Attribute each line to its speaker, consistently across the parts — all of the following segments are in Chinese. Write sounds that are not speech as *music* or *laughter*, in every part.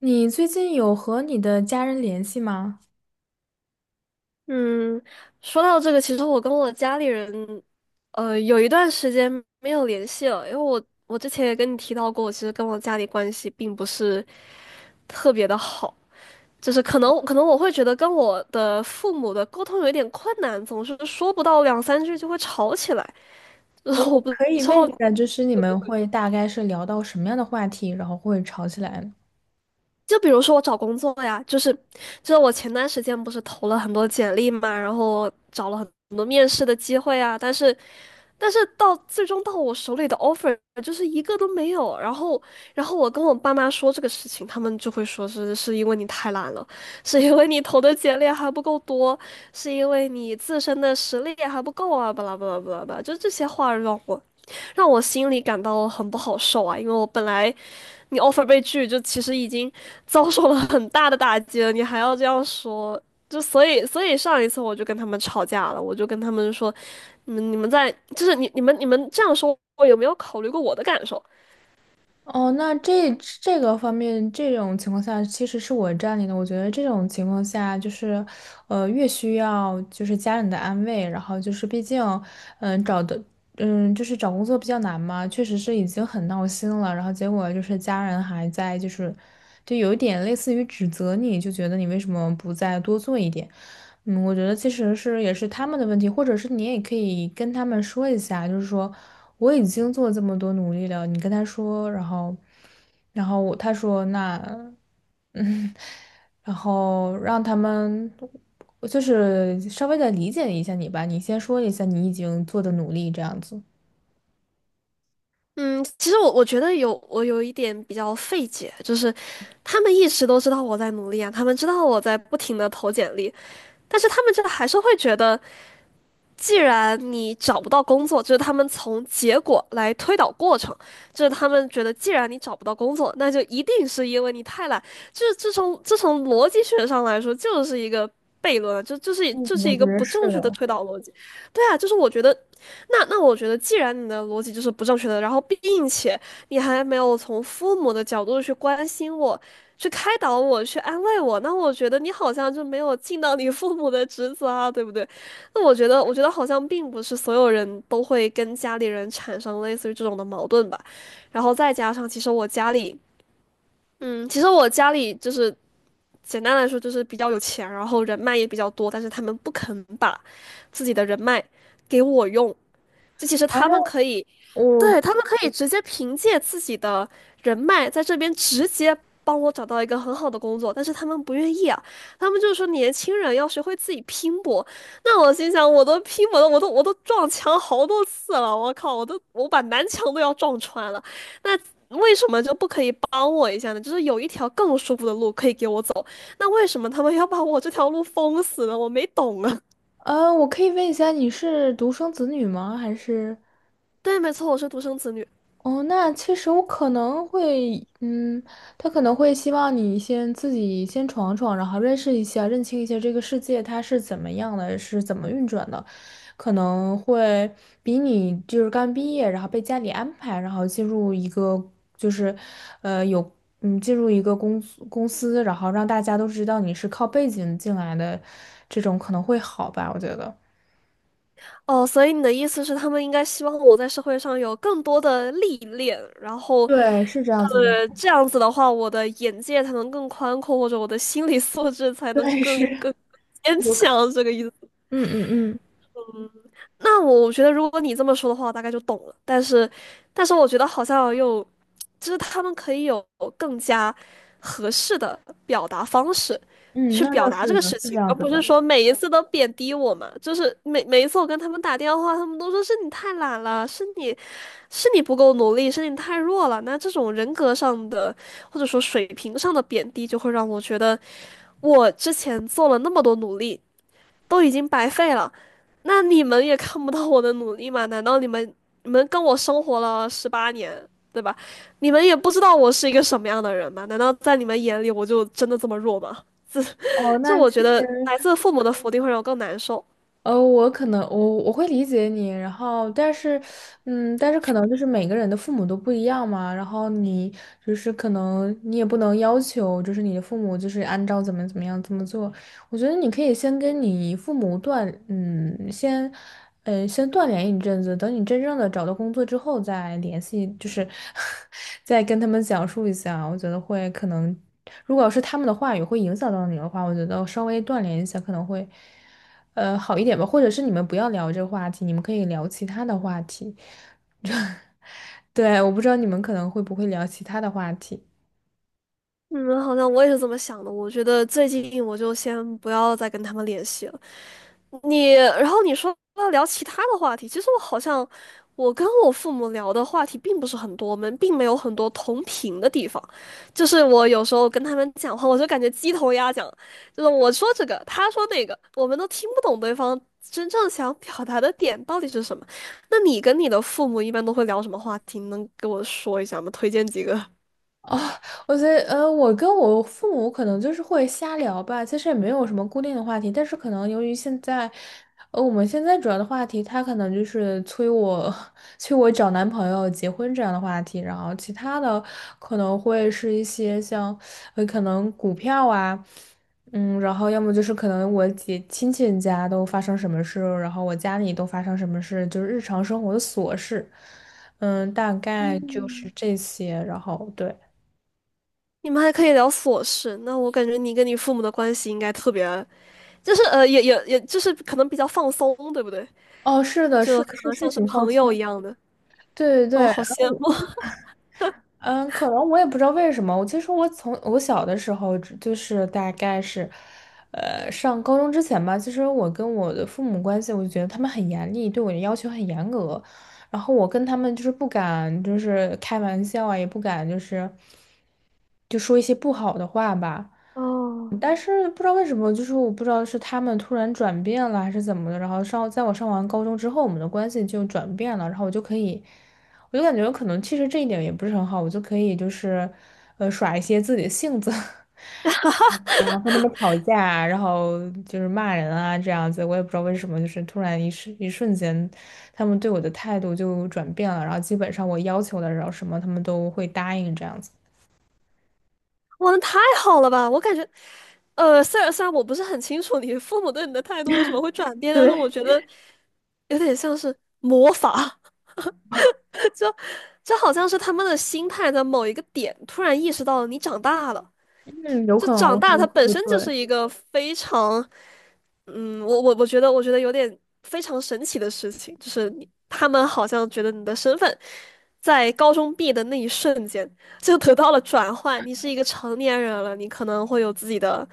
Speaker 1: 你最近有和你的家人联系吗？
Speaker 2: 嗯，说到这个，其实我跟我家里人，有一段时间没有联系了，因为我之前也跟你提到过，我其实跟我家里关系并不是特别的好，就是可能我会觉得跟我的父母的沟通有一点困难，总是说不到两三句就会吵起来，*laughs* 然
Speaker 1: 我
Speaker 2: 后
Speaker 1: 我
Speaker 2: 我不知
Speaker 1: 可以问一
Speaker 2: 道
Speaker 1: 下，就是你们会大概是聊到什么样的话题，然后会吵起来呢？
Speaker 2: 就比如说我找工作呀，就是我前段时间不是投了很多简历嘛，然后找了很多面试的机会啊，但是到最终到我手里的 offer 就是一个都没有。然后我跟我爸妈说这个事情，他们就会说是因为你太懒了，是因为你投的简历还不够多，是因为你自身的实力还不够啊，巴拉巴拉巴拉巴拉，就这些话让我心里感到很不好受啊，因为我本来。你 offer 被拒，就其实已经遭受了很大的打击了，你还要这样说，就所以上一次我就跟他们吵架了，我就跟他们说，你们你们在就是你你们你们这样说，我有没有考虑过我的感受？
Speaker 1: 哦，那这个方面，这种情况下其实是我占理的。我觉得这种情况下，就是，越需要就是家人的安慰，然后就是毕竟，嗯、找的就是找工作比较难嘛，确实是已经很闹心了，然后结果就是家人还在，就有一点类似于指责你，就觉得你为什么不再多做一点？嗯，我觉得其实是也是他们的问题，或者是你也可以跟他们说一下，就是说我已经做这么多努力了，你跟他说，然后然后我他说那嗯，*laughs* 然后让他们。就是稍微的理解一下你吧，你先说一下你已经做的努力这样子。
Speaker 2: 嗯，其实我觉得我有一点比较费解，就是他们一直都知道我在努力啊，他们知道我在不停的投简历，但是他们真的还是会觉得。既然你找不到工作，就是他们从结果来推导过程，就是他们觉得既然你找不到工作，那就一定是因为你太懒。就是这从这从逻辑学上来说，就是一个悖论啊就这是
Speaker 1: 嗯，
Speaker 2: 这是
Speaker 1: 我
Speaker 2: 一
Speaker 1: 觉
Speaker 2: 个
Speaker 1: 得
Speaker 2: 不
Speaker 1: 是
Speaker 2: 正确的
Speaker 1: 的。
Speaker 2: 推导逻辑。对啊，就是我觉得，那我觉得，既然你的逻辑就是不正确的，然后并且你还没有从父母的角度去关心我。去开导我，去安慰我，那我觉得你好像就没有尽到你父母的职责啊，对不对？那我觉得，我觉得好像并不是所有人都会跟家里人产生类似于这种的矛盾吧。然后再加上，其实我家里，嗯，其实我家里就是简单来说就是比较有钱，然后人脉也比较多，但是他们不肯把自己的人脉给我用，就其实
Speaker 1: 反
Speaker 2: 他
Speaker 1: 正
Speaker 2: 们可以，
Speaker 1: 我，
Speaker 2: 对，他们可以直接凭借自己的人脉在这边直接帮我找到一个很好的工作，但是他们不愿意啊，他们就是说年轻人要学会自己拼搏。那我心想，我都拼搏了，我都撞墙好多次了，我靠，我把南墙都要撞穿了，那。为什么就不可以帮我一下呢？就是有一条更舒服的路可以给我走，那为什么他们要把我这条路封死呢？我没懂啊。
Speaker 1: 我可以问一下，你是独生子女吗？还是？
Speaker 2: 对，没错，我是独生子女。
Speaker 1: 哦，那其实我可能会，嗯，他可能会希望你先自己先闯闯，然后认识一下、认清一下这个世界它是怎么样的，是怎么运转的，可能会比你就是刚毕业，然后被家里安排，然后进入一个就是，呃，有进入一个公司，然后让大家都知道你是靠背景进来的，这种可能会好吧，我觉得。
Speaker 2: 哦，所以你的意思是，他们应该希望我在社会上有更多的历练，然后，
Speaker 1: 对，是这样子的。
Speaker 2: 呃，这样子的话，我的眼界才能更宽阔，或者我的心理素质才能
Speaker 1: 对，
Speaker 2: 更
Speaker 1: 是
Speaker 2: 更更坚
Speaker 1: 有可，
Speaker 2: 强，这个意思。
Speaker 1: 嗯嗯嗯。
Speaker 2: 那我觉得，如果你这么说的话，我大概就懂了。但是，但是我觉得好像又，就是他们可以有更加合适的表达方式
Speaker 1: 嗯，
Speaker 2: 去
Speaker 1: 那
Speaker 2: 表
Speaker 1: 倒
Speaker 2: 达这
Speaker 1: 是
Speaker 2: 个
Speaker 1: 的，
Speaker 2: 事
Speaker 1: 是这
Speaker 2: 情，
Speaker 1: 样
Speaker 2: 而
Speaker 1: 子
Speaker 2: 不是
Speaker 1: 的。
Speaker 2: 说每一次都贬低我嘛。就是每一次我跟他们打电话，他们都说是你太懒了，是你不够努力，是你太弱了。那这种人格上的或者说水平上的贬低，就会让我觉得我之前做了那么多努力，都已经白费了，那你们也看不到我的努力吗？难道你们跟我生活了18年，对吧？你们也不知道我是一个什么样的人吗？难道在你们眼里我就真的这么弱吗？这
Speaker 1: 哦，
Speaker 2: 这，
Speaker 1: 那
Speaker 2: 我
Speaker 1: 其
Speaker 2: 觉
Speaker 1: 实，
Speaker 2: 得来自父母的否定会让我更难受。
Speaker 1: 我可能我会理解你，然后但是，嗯，但是可能就是每个人的父母都不一样嘛，然后你就是可能你也不能要求就是你的父母就是按照怎么怎么样怎么做，我觉得你可以先跟你父母断，嗯，先，嗯，先断联一阵子，等你真正的找到工作之后再联系，就是 *laughs* 再跟他们讲述一下，我觉得会可能，如果要是他们的话语会影响到你的话，我觉得稍微断联一下可能会。好一点吧，或者是你们不要聊这个话题，你们可以聊其他的话题。*laughs* 对，我不知道你们可能会不会聊其他的话题。
Speaker 2: 嗯，好像我也是这么想的。我觉得最近我就先不要再跟他们联系了。你，然后你说要聊其他的话题，其实我好像我跟我父母聊的话题并不是很多，我们并没有很多同频的地方。就是我有时候跟他们讲话，我就感觉鸡同鸭讲，就是我说这个，他说那个，我们都听不懂对方真正想表达的点到底是什么。那你跟你的父母一般都会聊什么话题？能给我说一下吗？推荐几个？
Speaker 1: 哦，我觉得，我跟我父母可能就是会瞎聊吧，其实也没有什么固定的话题，但是可能由于现在，我们现在主要的话题，他可能就是催我，*laughs* 催我找男朋友、结婚这样的话题，然后其他的可能会是一些像，可能股票啊，嗯，然后要么就是可能我姐亲戚家都发生什么事，然后我家里都发生什么事，就是日常生活的琐事，嗯，大概就是
Speaker 2: 嗯，
Speaker 1: 这些，然后对。
Speaker 2: 你们还可以聊琐事，那我感觉你跟你父母的关系应该特别就是呃，也就是可能比较放松，对不对？
Speaker 1: 哦，是的，是
Speaker 2: 就可
Speaker 1: 是
Speaker 2: 能像
Speaker 1: 是
Speaker 2: 是
Speaker 1: 挺放
Speaker 2: 朋
Speaker 1: 松，
Speaker 2: 友一样的。
Speaker 1: 对对对，
Speaker 2: 哦，
Speaker 1: 然
Speaker 2: 好羡
Speaker 1: 后
Speaker 2: 慕
Speaker 1: 嗯，可能我也不知道为什么，我其实从我小的时候只就是大概是，上高中之前吧，其实我跟我的父母关系，我就觉得他们很严厉，对我的要求很严格，然后我跟他们就是不敢就是开玩笑啊，也不敢就是说一些不好的话吧。
Speaker 2: *laughs* 哦！
Speaker 1: 但是不知道为什么，就是我不知道是他们突然转变了还是怎么的，然后上在我上完高中之后，我们的关系就转变了，然后我就可以，我就感觉可能其实这一点也不是很好，我就可以就是，耍一些自己的性子，*laughs* 然后和他们吵架啊然后就是骂人啊这样子，我也不知道为什么，就是突然一瞬间，他们对我的态度就转变了，然后基本上我要求的，然后什么他们都会答应这样子。
Speaker 2: 哇，那太好了吧？我感觉，呃，虽然我不是很清楚你父母对你的态度为什么会转变，但是
Speaker 1: 对，
Speaker 2: 我觉得有点像是魔法，*laughs* 这好像是他们的心态在某一个点突然意识到你长大了。
Speaker 1: 嗯，有
Speaker 2: 就
Speaker 1: 可能，
Speaker 2: 长
Speaker 1: 我觉
Speaker 2: 大，它
Speaker 1: 得
Speaker 2: 本
Speaker 1: 不
Speaker 2: 身就
Speaker 1: 对。
Speaker 2: 是一个非常，嗯，我觉得，我觉得有点非常神奇的事情，就是你他们好像觉得你的身份在高中毕业的那一瞬间就得到了转换，你是一个成年人了，你可能会有自己的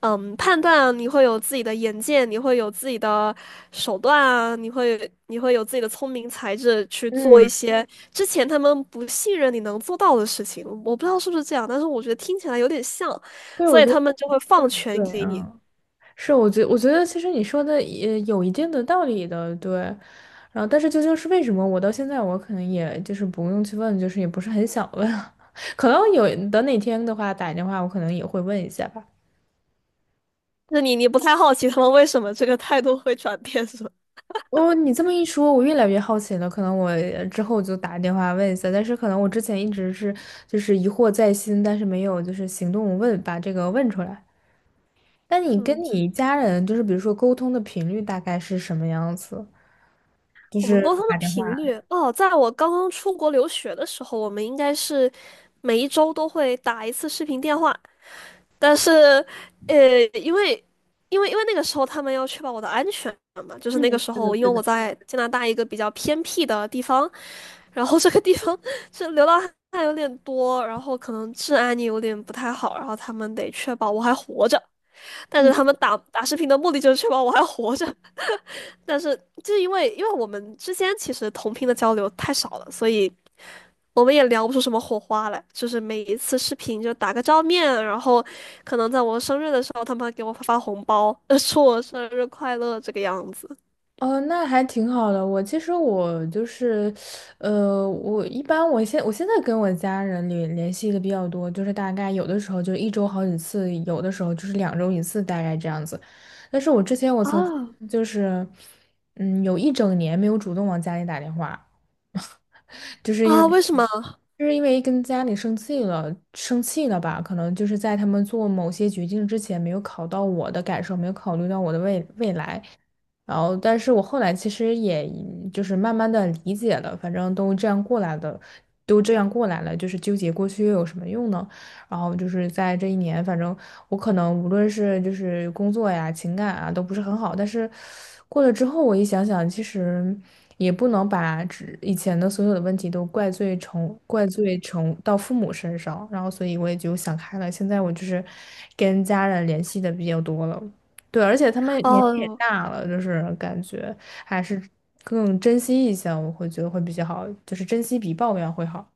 Speaker 2: 嗯，判断你会有自己的眼界，你会有自己的手段啊，你会有自己的聪明才智去做一
Speaker 1: 嗯，
Speaker 2: 些之前他们不信任你能做到的事情。我不知道是不是这样，但是我觉得听起来有点像，
Speaker 1: 对，我
Speaker 2: 所以
Speaker 1: 觉
Speaker 2: 他
Speaker 1: 得。
Speaker 2: 们就会放权
Speaker 1: 对，
Speaker 2: 给你。
Speaker 1: 嗯，是，我觉得其实你说的也有一定的道理的，对。然后，但是究竟是为什么，我到现在我可能也就是不用去问，就是也不是很想问。*laughs* 可能有等哪天的话打电话，我可能也会问一下吧。
Speaker 2: 那你不太好奇他们为什么这个态度会转变是吧
Speaker 1: 哦，你这么一说，我越来越好奇了。可能我之后就打电话问一下，但是可能我之前一直是就是疑惑在心，但是没有就是行动问，把这个问出来。那你
Speaker 2: 嗯，
Speaker 1: 跟你家人就是比如说沟通的频率大概是什么样子？就
Speaker 2: 我们沟
Speaker 1: 是
Speaker 2: 通的
Speaker 1: 打电话。
Speaker 2: 频率哦，在我刚刚出国留学的时候，我们应该是每一周都会打一次视频电话。但是，呃，因为那个时候他们要确保我的安全嘛，就是那个时候，因为我在加拿大一个比较偏僻的地方，然后这个地方 *laughs* 是流浪汉有点多，然后可能治安也有点不太好，然后他们得确保我还活着。但是他们打视频的目的就是确保我还活着，但是就是因为我们之间其实同频的交流太少了，所以。我们也聊不出什么火花来，就是每一次视频就打个照面，然后可能在我生日的时候，他们还给我发红包，*laughs* 呃，说我生日快乐这个样子。
Speaker 1: 哦，那还挺好的。我其实我就是，*sucks teeth* 我一般我现在跟我家人联系的比较多，就是大概有的时候就一周好几次，有的时候就是两周一次，大概这样子。但是我之前我
Speaker 2: 啊。
Speaker 1: 曾经就是，嗯，有一整年没有主动往家里打电话，*laughs* 就是因为。
Speaker 2: 啊，为什么？
Speaker 1: 就是因为跟家里生气了，生气了吧？可能就是在他们做某些决定之前，没有考到我的感受，没有考虑到我的未来，然后，但是我后来其实也就是慢慢的理解了，反正都这样过来的，都这样过来了，就是纠结过去又有什么用呢？然后就是在这一年，反正我可能无论是就是工作呀、情感啊，都不是很好，但是过了之后，我一想想，其实也不能把只以前的所有的问题都怪罪成到父母身上，然后所以我也就想开了，现在我就是跟家人联系的比较多了。对，而且他们
Speaker 2: 哦
Speaker 1: 年纪也
Speaker 2: 哦，
Speaker 1: 大了，就是感觉还是更珍惜一下，我会觉得会比较好，就是珍惜比抱怨会好。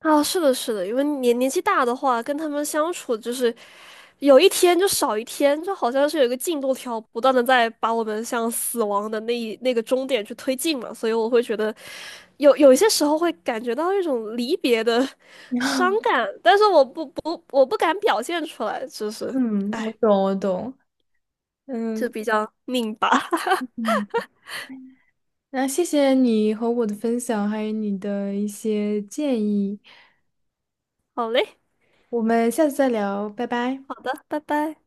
Speaker 2: 啊，是的，是的，因为年纪大的话，跟他们相处就是有一天就少一天，就好像是有一个进度条，不断的在把我们向死亡的那个终点去推进嘛，所以我会觉得有一些时候会感觉到一种离别的伤感，但是我不我不敢表现出来，就是
Speaker 1: 嗯，我
Speaker 2: 哎，
Speaker 1: 懂，我懂。
Speaker 2: 就
Speaker 1: 嗯
Speaker 2: 比较拧巴。*laughs*
Speaker 1: 嗯，那谢谢你和我的分享，还有你的一些建议，
Speaker 2: 好嘞，
Speaker 1: 我们下次再聊，拜拜。
Speaker 2: 好的，拜拜。